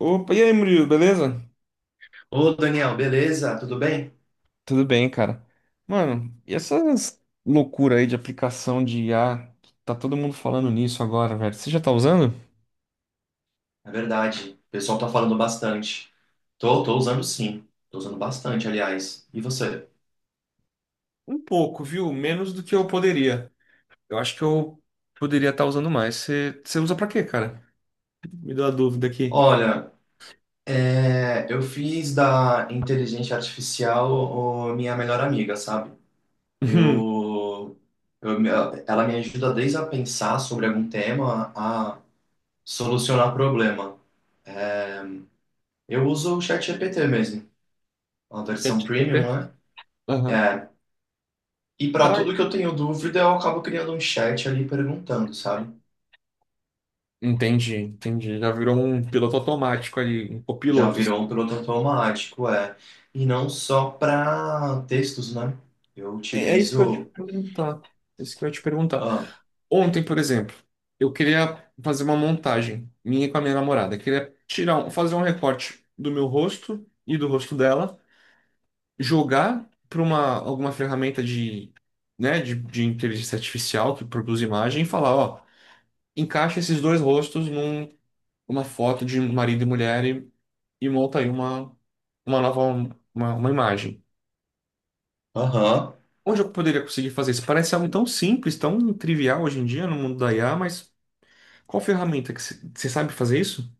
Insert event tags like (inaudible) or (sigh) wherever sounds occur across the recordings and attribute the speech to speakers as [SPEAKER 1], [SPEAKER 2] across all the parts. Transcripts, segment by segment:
[SPEAKER 1] Opa, e aí, Murilo, beleza?
[SPEAKER 2] Ô, Daniel, beleza? Tudo bem?
[SPEAKER 1] Tudo bem, cara. Mano, e essas loucuras aí de aplicação de IA? Tá todo mundo falando nisso agora, velho. Você já tá usando?
[SPEAKER 2] É verdade. O pessoal tá falando bastante. Tô usando sim. Tô usando bastante, aliás. E você?
[SPEAKER 1] Um pouco, viu? Menos do que eu poderia. Eu acho que eu poderia estar usando mais. Você usa pra quê, cara? Me deu a dúvida aqui.
[SPEAKER 2] Olha, eu fiz da inteligência artificial minha melhor amiga, sabe?
[SPEAKER 1] (laughs) Uhum.
[SPEAKER 2] Eu, eu, me- Ela me ajuda desde a pensar sobre algum tema a solucionar problema. Eu uso o ChatGPT mesmo, a versão premium, né?
[SPEAKER 1] Aham.
[SPEAKER 2] É, e para tudo
[SPEAKER 1] Caralho.
[SPEAKER 2] que eu tenho dúvida, eu acabo criando um chat ali perguntando, sabe?
[SPEAKER 1] Entendi, entendi. Já virou um piloto automático ali, um
[SPEAKER 2] Já
[SPEAKER 1] copiloto.
[SPEAKER 2] virou um piloto automático, é. E não só para textos, né? Eu
[SPEAKER 1] É isso que eu ia te
[SPEAKER 2] utilizo.
[SPEAKER 1] perguntar. É isso que eu ia te perguntar.
[SPEAKER 2] Ah,
[SPEAKER 1] Ontem, por exemplo, eu queria fazer uma montagem minha com a minha namorada. Eu queria tirar, fazer um recorte do meu rosto e do rosto dela, jogar para uma alguma ferramenta de, né, de inteligência artificial que produz imagem e falar, ó, encaixa esses dois rostos num uma foto de marido e mulher e monta aí uma nova uma imagem.
[SPEAKER 2] aham.
[SPEAKER 1] Onde eu poderia conseguir fazer isso? Parece algo tão simples, tão trivial hoje em dia no mundo da IA, mas qual ferramenta que você sabe fazer isso?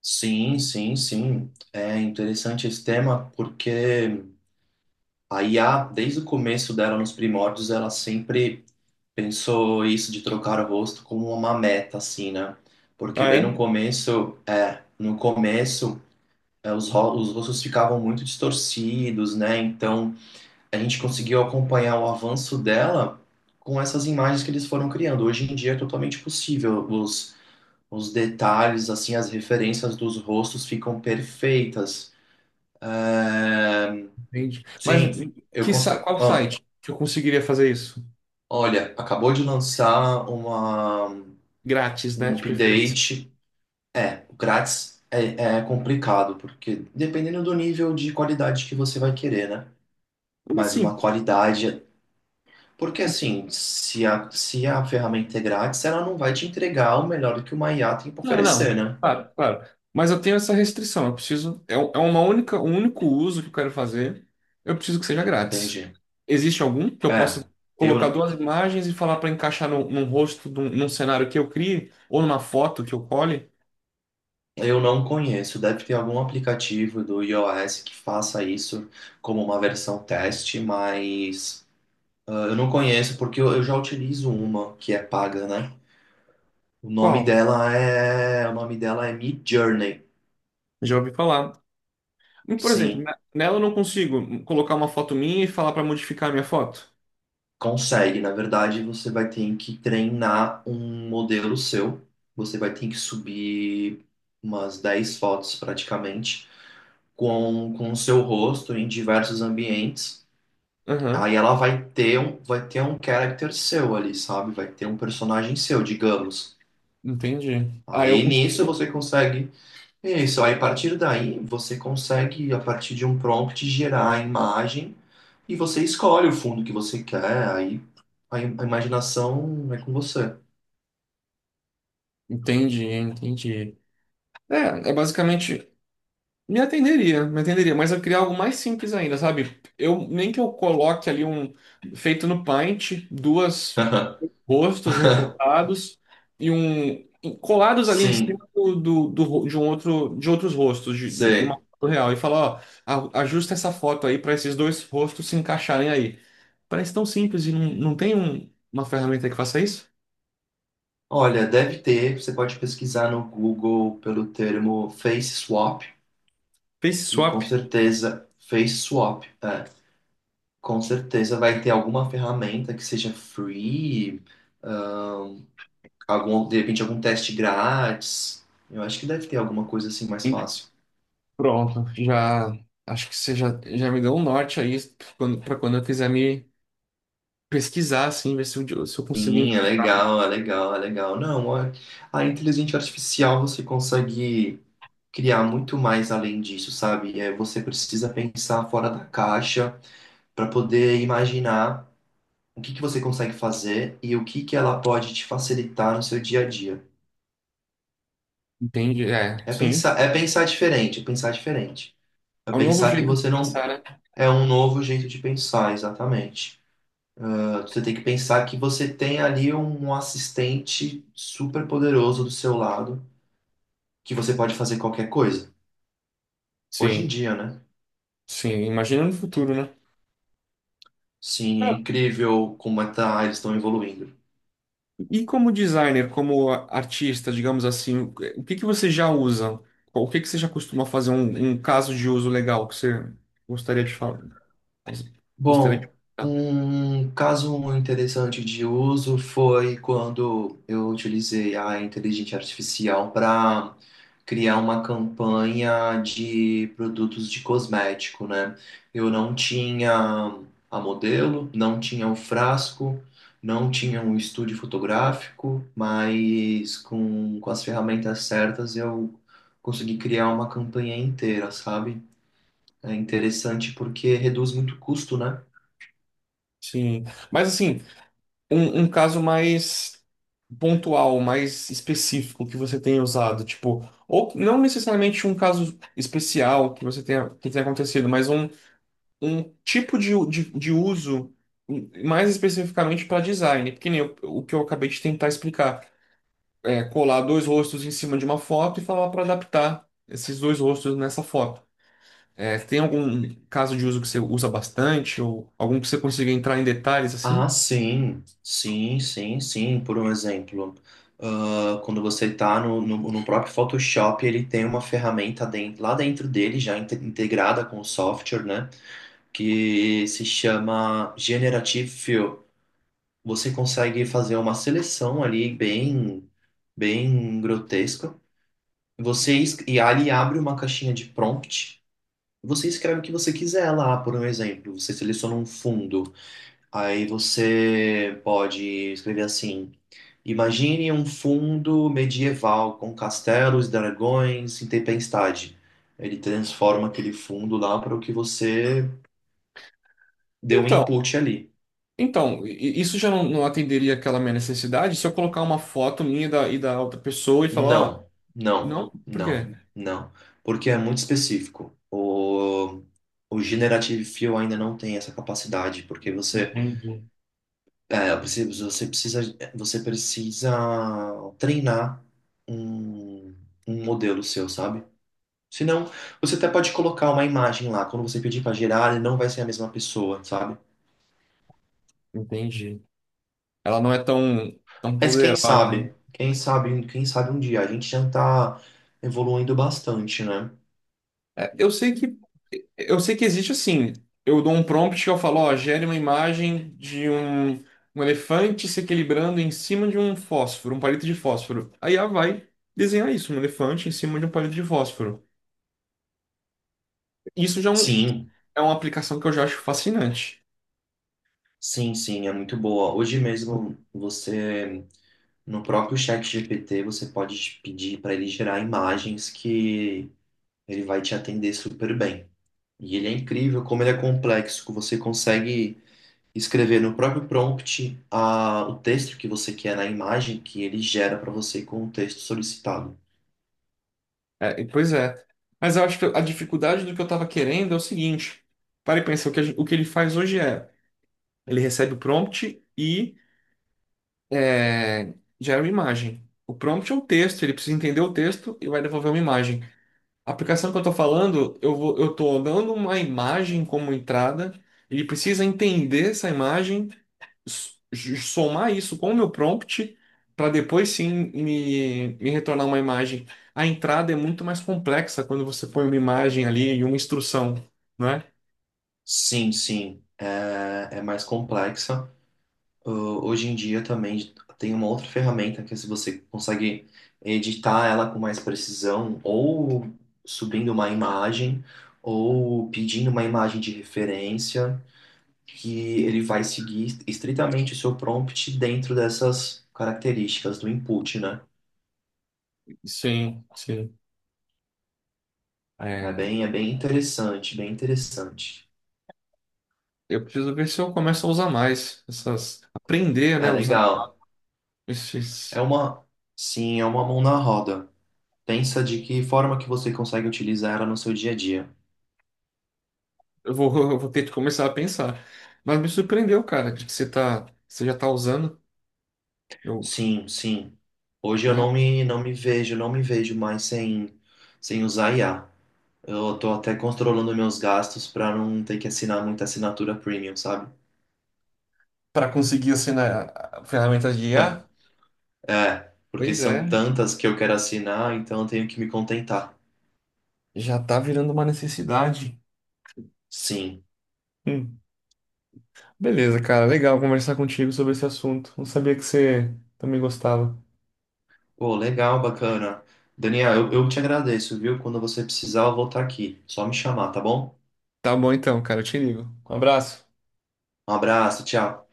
[SPEAKER 2] Sim, sim, sim. É interessante esse tema porque a IA, desde o começo dela, nos primórdios, ela sempre pensou isso de trocar o rosto como uma meta, assim, né? Porque
[SPEAKER 1] Ah,
[SPEAKER 2] bem no
[SPEAKER 1] é?
[SPEAKER 2] começo, no começo, os rostos ficavam muito distorcidos, né? Então, a gente conseguiu acompanhar o avanço dela com essas imagens que eles foram criando. Hoje em dia é totalmente possível. Os detalhes, assim, as referências dos rostos ficam perfeitas. É,
[SPEAKER 1] Entende? Mas
[SPEAKER 2] sim, eu cons...
[SPEAKER 1] qual
[SPEAKER 2] ah,
[SPEAKER 1] site que eu conseguiria fazer isso?
[SPEAKER 2] olha, acabou de lançar
[SPEAKER 1] Grátis, né?
[SPEAKER 2] um
[SPEAKER 1] De preferência.
[SPEAKER 2] update. É, o grátis é, é complicado, porque dependendo do nível de qualidade que você vai querer, né?
[SPEAKER 1] Como
[SPEAKER 2] Mas
[SPEAKER 1] assim?
[SPEAKER 2] uma qualidade. Porque
[SPEAKER 1] O-
[SPEAKER 2] assim, se a ferramenta é grátis, ela não vai te entregar o melhor que uma IA tem para
[SPEAKER 1] Não,
[SPEAKER 2] oferecer,
[SPEAKER 1] não.
[SPEAKER 2] né?
[SPEAKER 1] Claro, claro. Mas eu tenho essa restrição. Eu preciso. É, é um único uso que eu quero fazer. Eu preciso que seja grátis.
[SPEAKER 2] Entendi.
[SPEAKER 1] Existe algum que eu possa
[SPEAKER 2] É,
[SPEAKER 1] colocar
[SPEAKER 2] eu,
[SPEAKER 1] duas imagens e falar para encaixar no num rosto, num cenário que eu crie, ou numa foto que eu cole?
[SPEAKER 2] eu não conheço. Deve ter algum aplicativo do iOS que faça isso como uma versão teste, mas ah, eu não conheço porque eu já utilizo uma que é paga, né?
[SPEAKER 1] Qual?
[SPEAKER 2] O nome dela é Midjourney.
[SPEAKER 1] Já ouvi falar. Por exemplo,
[SPEAKER 2] Sim.
[SPEAKER 1] nela eu não consigo colocar uma foto minha e falar para modificar a minha foto.
[SPEAKER 2] Consegue, na verdade, você vai ter que treinar um modelo seu. Você vai ter que subir umas 10 fotos praticamente com o seu rosto em diversos ambientes.
[SPEAKER 1] Aham.
[SPEAKER 2] Aí ela vai ter vai ter um character seu ali, sabe? Vai ter um personagem seu, digamos.
[SPEAKER 1] Entendi. Ah,
[SPEAKER 2] Aí nisso você consegue é isso, aí a partir daí você consegue, a partir de um prompt, gerar a imagem e você escolhe o fundo que você quer, aí a imaginação é com você.
[SPEAKER 1] entendi, entendi. É, é basicamente me atenderia, mas eu queria algo mais simples ainda, sabe? Eu nem que eu coloque ali um feito no Paint, duas
[SPEAKER 2] (laughs)
[SPEAKER 1] rostos recortados e um colados ali em
[SPEAKER 2] Sim,
[SPEAKER 1] cima de um outro de outros rostos de uma
[SPEAKER 2] sei.
[SPEAKER 1] foto real e falar, ó, ajusta essa foto aí para esses dois rostos se encaixarem aí. Parece tão simples e não tem uma ferramenta que faça isso?
[SPEAKER 2] Olha, deve ter, você pode pesquisar no Google pelo termo face swap,
[SPEAKER 1] Face
[SPEAKER 2] que com
[SPEAKER 1] swap.
[SPEAKER 2] certeza, face swap, é, com certeza vai ter alguma ferramenta que seja free, ah, algum, de repente algum teste grátis. Eu acho que deve ter alguma coisa assim mais fácil.
[SPEAKER 1] Pronto, já acho que já me deu um norte aí quando, para quando eu quiser me pesquisar, assim, ver se eu consigo
[SPEAKER 2] Sim, é
[SPEAKER 1] entender.
[SPEAKER 2] legal, é legal, é legal. Não, a inteligência artificial você consegue criar muito mais além disso, sabe? É, você precisa pensar fora da caixa para poder imaginar o que que você consegue fazer e o que que ela pode te facilitar no seu dia a dia.
[SPEAKER 1] Entende? É, sim.
[SPEAKER 2] É pensar diferente, é pensar diferente. É
[SPEAKER 1] É um novo
[SPEAKER 2] pensar que
[SPEAKER 1] jeito de
[SPEAKER 2] você não.
[SPEAKER 1] pensar, né?
[SPEAKER 2] É um novo jeito de pensar, exatamente. Ah, você tem que pensar que você tem ali um assistente super poderoso do seu lado que você pode fazer qualquer coisa. Hoje em
[SPEAKER 1] Sim,
[SPEAKER 2] dia, né?
[SPEAKER 1] sim. Imagina no futuro, né?
[SPEAKER 2] Sim, é
[SPEAKER 1] Cara,
[SPEAKER 2] incrível como é tá, eles estão evoluindo.
[SPEAKER 1] e como designer, como artista, digamos assim, o que que você já usa? O que que você já costuma fazer? Um caso de uso legal que você gostaria de falar? Gostaria
[SPEAKER 2] Bom,
[SPEAKER 1] de.
[SPEAKER 2] um caso interessante de uso foi quando eu utilizei a inteligência artificial para criar uma campanha de produtos de cosmético, né? Eu não tinha a modelo, não tinha o frasco, não tinha um estúdio fotográfico, mas com as ferramentas certas eu consegui criar uma campanha inteira, sabe? É interessante porque reduz muito o custo, né?
[SPEAKER 1] Sim. Mas assim. Um caso mais pontual, mais específico que você tenha usado, tipo, ou não necessariamente um caso especial que você tenha, que tenha acontecido, mas um, de uso mais especificamente para design, porque nem o que eu acabei de tentar explicar, é colar dois rostos em cima de uma foto e falar para adaptar esses dois rostos nessa foto. É, tem algum caso de uso que você usa bastante ou algum que você consiga entrar em detalhes
[SPEAKER 2] Ah,
[SPEAKER 1] assim?
[SPEAKER 2] sim, sim, sim, sim. Por um exemplo, ah, quando você está no próprio Photoshop, ele tem uma ferramenta dentro, lá dentro dele, já integrada com o software, né? Que se chama Generative Fill. Você consegue fazer uma seleção ali bem, bem grotesca. Você, e ali abre uma caixinha de prompt. Você escreve o que você quiser lá, por um exemplo. Você seleciona um fundo. Aí você pode escrever assim: imagine um fundo medieval com castelos, dragões e tempestade. Ele transforma aquele fundo lá para o que você deu um
[SPEAKER 1] Então,
[SPEAKER 2] input ali.
[SPEAKER 1] Então, isso já não atenderia aquela minha necessidade se eu colocar uma foto minha e da outra pessoa e falar, ó,
[SPEAKER 2] Não, não,
[SPEAKER 1] não, por
[SPEAKER 2] não,
[SPEAKER 1] quê?
[SPEAKER 2] não. Porque é muito específico. O Generative Fill ainda não tem essa capacidade, porque você,
[SPEAKER 1] Entendi.
[SPEAKER 2] é, você precisa, você precisa treinar um, um modelo seu, sabe? Senão, você até pode colocar uma imagem lá. Quando você pedir para gerar, ele não vai ser a mesma pessoa, sabe?
[SPEAKER 1] Entendi. Ela não é tão
[SPEAKER 2] Mas quem
[SPEAKER 1] poderosa, hein?
[SPEAKER 2] sabe? Quem sabe, quem sabe um dia. A gente já tá evoluindo bastante, né?
[SPEAKER 1] É, eu sei que existe assim. Eu dou um prompt que eu falo, ó, gere uma imagem de um elefante se equilibrando em cima de um fósforo, um palito de fósforo. Aí ela vai desenhar isso, um elefante em cima de um palito de fósforo. Isso já é,
[SPEAKER 2] Sim,
[SPEAKER 1] é uma aplicação que eu já acho fascinante.
[SPEAKER 2] sim, sim, é muito boa. Hoje mesmo, você, no próprio chat GPT, você pode pedir para ele gerar imagens que ele vai te atender super bem. E ele é incrível como ele é complexo, que você consegue escrever no próprio prompt a, o texto que você quer na imagem que ele gera para você com o texto solicitado.
[SPEAKER 1] É, pois é. Mas eu acho que a dificuldade do que eu estava querendo é o seguinte. Para e pensa, o que ele faz hoje é, ele recebe o prompt é, gera uma imagem. O prompt é um texto, ele precisa entender o texto e vai devolver uma imagem. A aplicação que eu estou falando, eu estou dando uma imagem como entrada, ele precisa entender essa imagem s- somar isso com o meu prompt para depois sim me retornar uma imagem. A entrada é muito mais complexa quando você põe uma imagem ali e uma instrução, não é?
[SPEAKER 2] Sim, sim, é, é mais complexa. Hoje em dia também tem uma outra ferramenta que é se você consegue editar ela com mais precisão, ou subindo uma imagem, ou pedindo uma imagem de referência, que ele vai seguir estritamente o seu prompt dentro dessas características do input, né?
[SPEAKER 1] Sim, sim. É,
[SPEAKER 2] É bem interessante, bem interessante.
[SPEAKER 1] eu preciso ver se eu começo a usar mais essas, aprender,
[SPEAKER 2] É
[SPEAKER 1] né, usar
[SPEAKER 2] legal. É
[SPEAKER 1] esses.
[SPEAKER 2] uma, sim, é uma mão na roda. Pensa de que forma que você consegue utilizar ela no seu dia a dia.
[SPEAKER 1] Eu vou, (laughs) eu vou ter que começar a pensar. Mas me surpreendeu, cara, de que você tá, você já tá usando, eu,
[SPEAKER 2] Sim, sim. Hoje eu
[SPEAKER 1] né?
[SPEAKER 2] não me, não me vejo, não me vejo mais sem, sem usar IA. Eu tô até controlando meus gastos para não ter que assinar muita assinatura premium, sabe?
[SPEAKER 1] Para conseguir assim, né, ferramentas de IA.
[SPEAKER 2] (laughs) É, porque
[SPEAKER 1] Pois
[SPEAKER 2] são
[SPEAKER 1] é,
[SPEAKER 2] tantas que eu quero assinar, então eu tenho que me contentar.
[SPEAKER 1] já tá virando uma necessidade.
[SPEAKER 2] Sim.
[SPEAKER 1] Hum. Beleza, cara. Legal conversar contigo sobre esse assunto. Não sabia que você também gostava.
[SPEAKER 2] Pô, legal, bacana. Daniel, eu te agradeço, viu? Quando você precisar, eu vou estar aqui. Só me chamar, tá bom?
[SPEAKER 1] Tá bom então, cara. Eu te ligo. Um abraço.
[SPEAKER 2] Um abraço, tchau.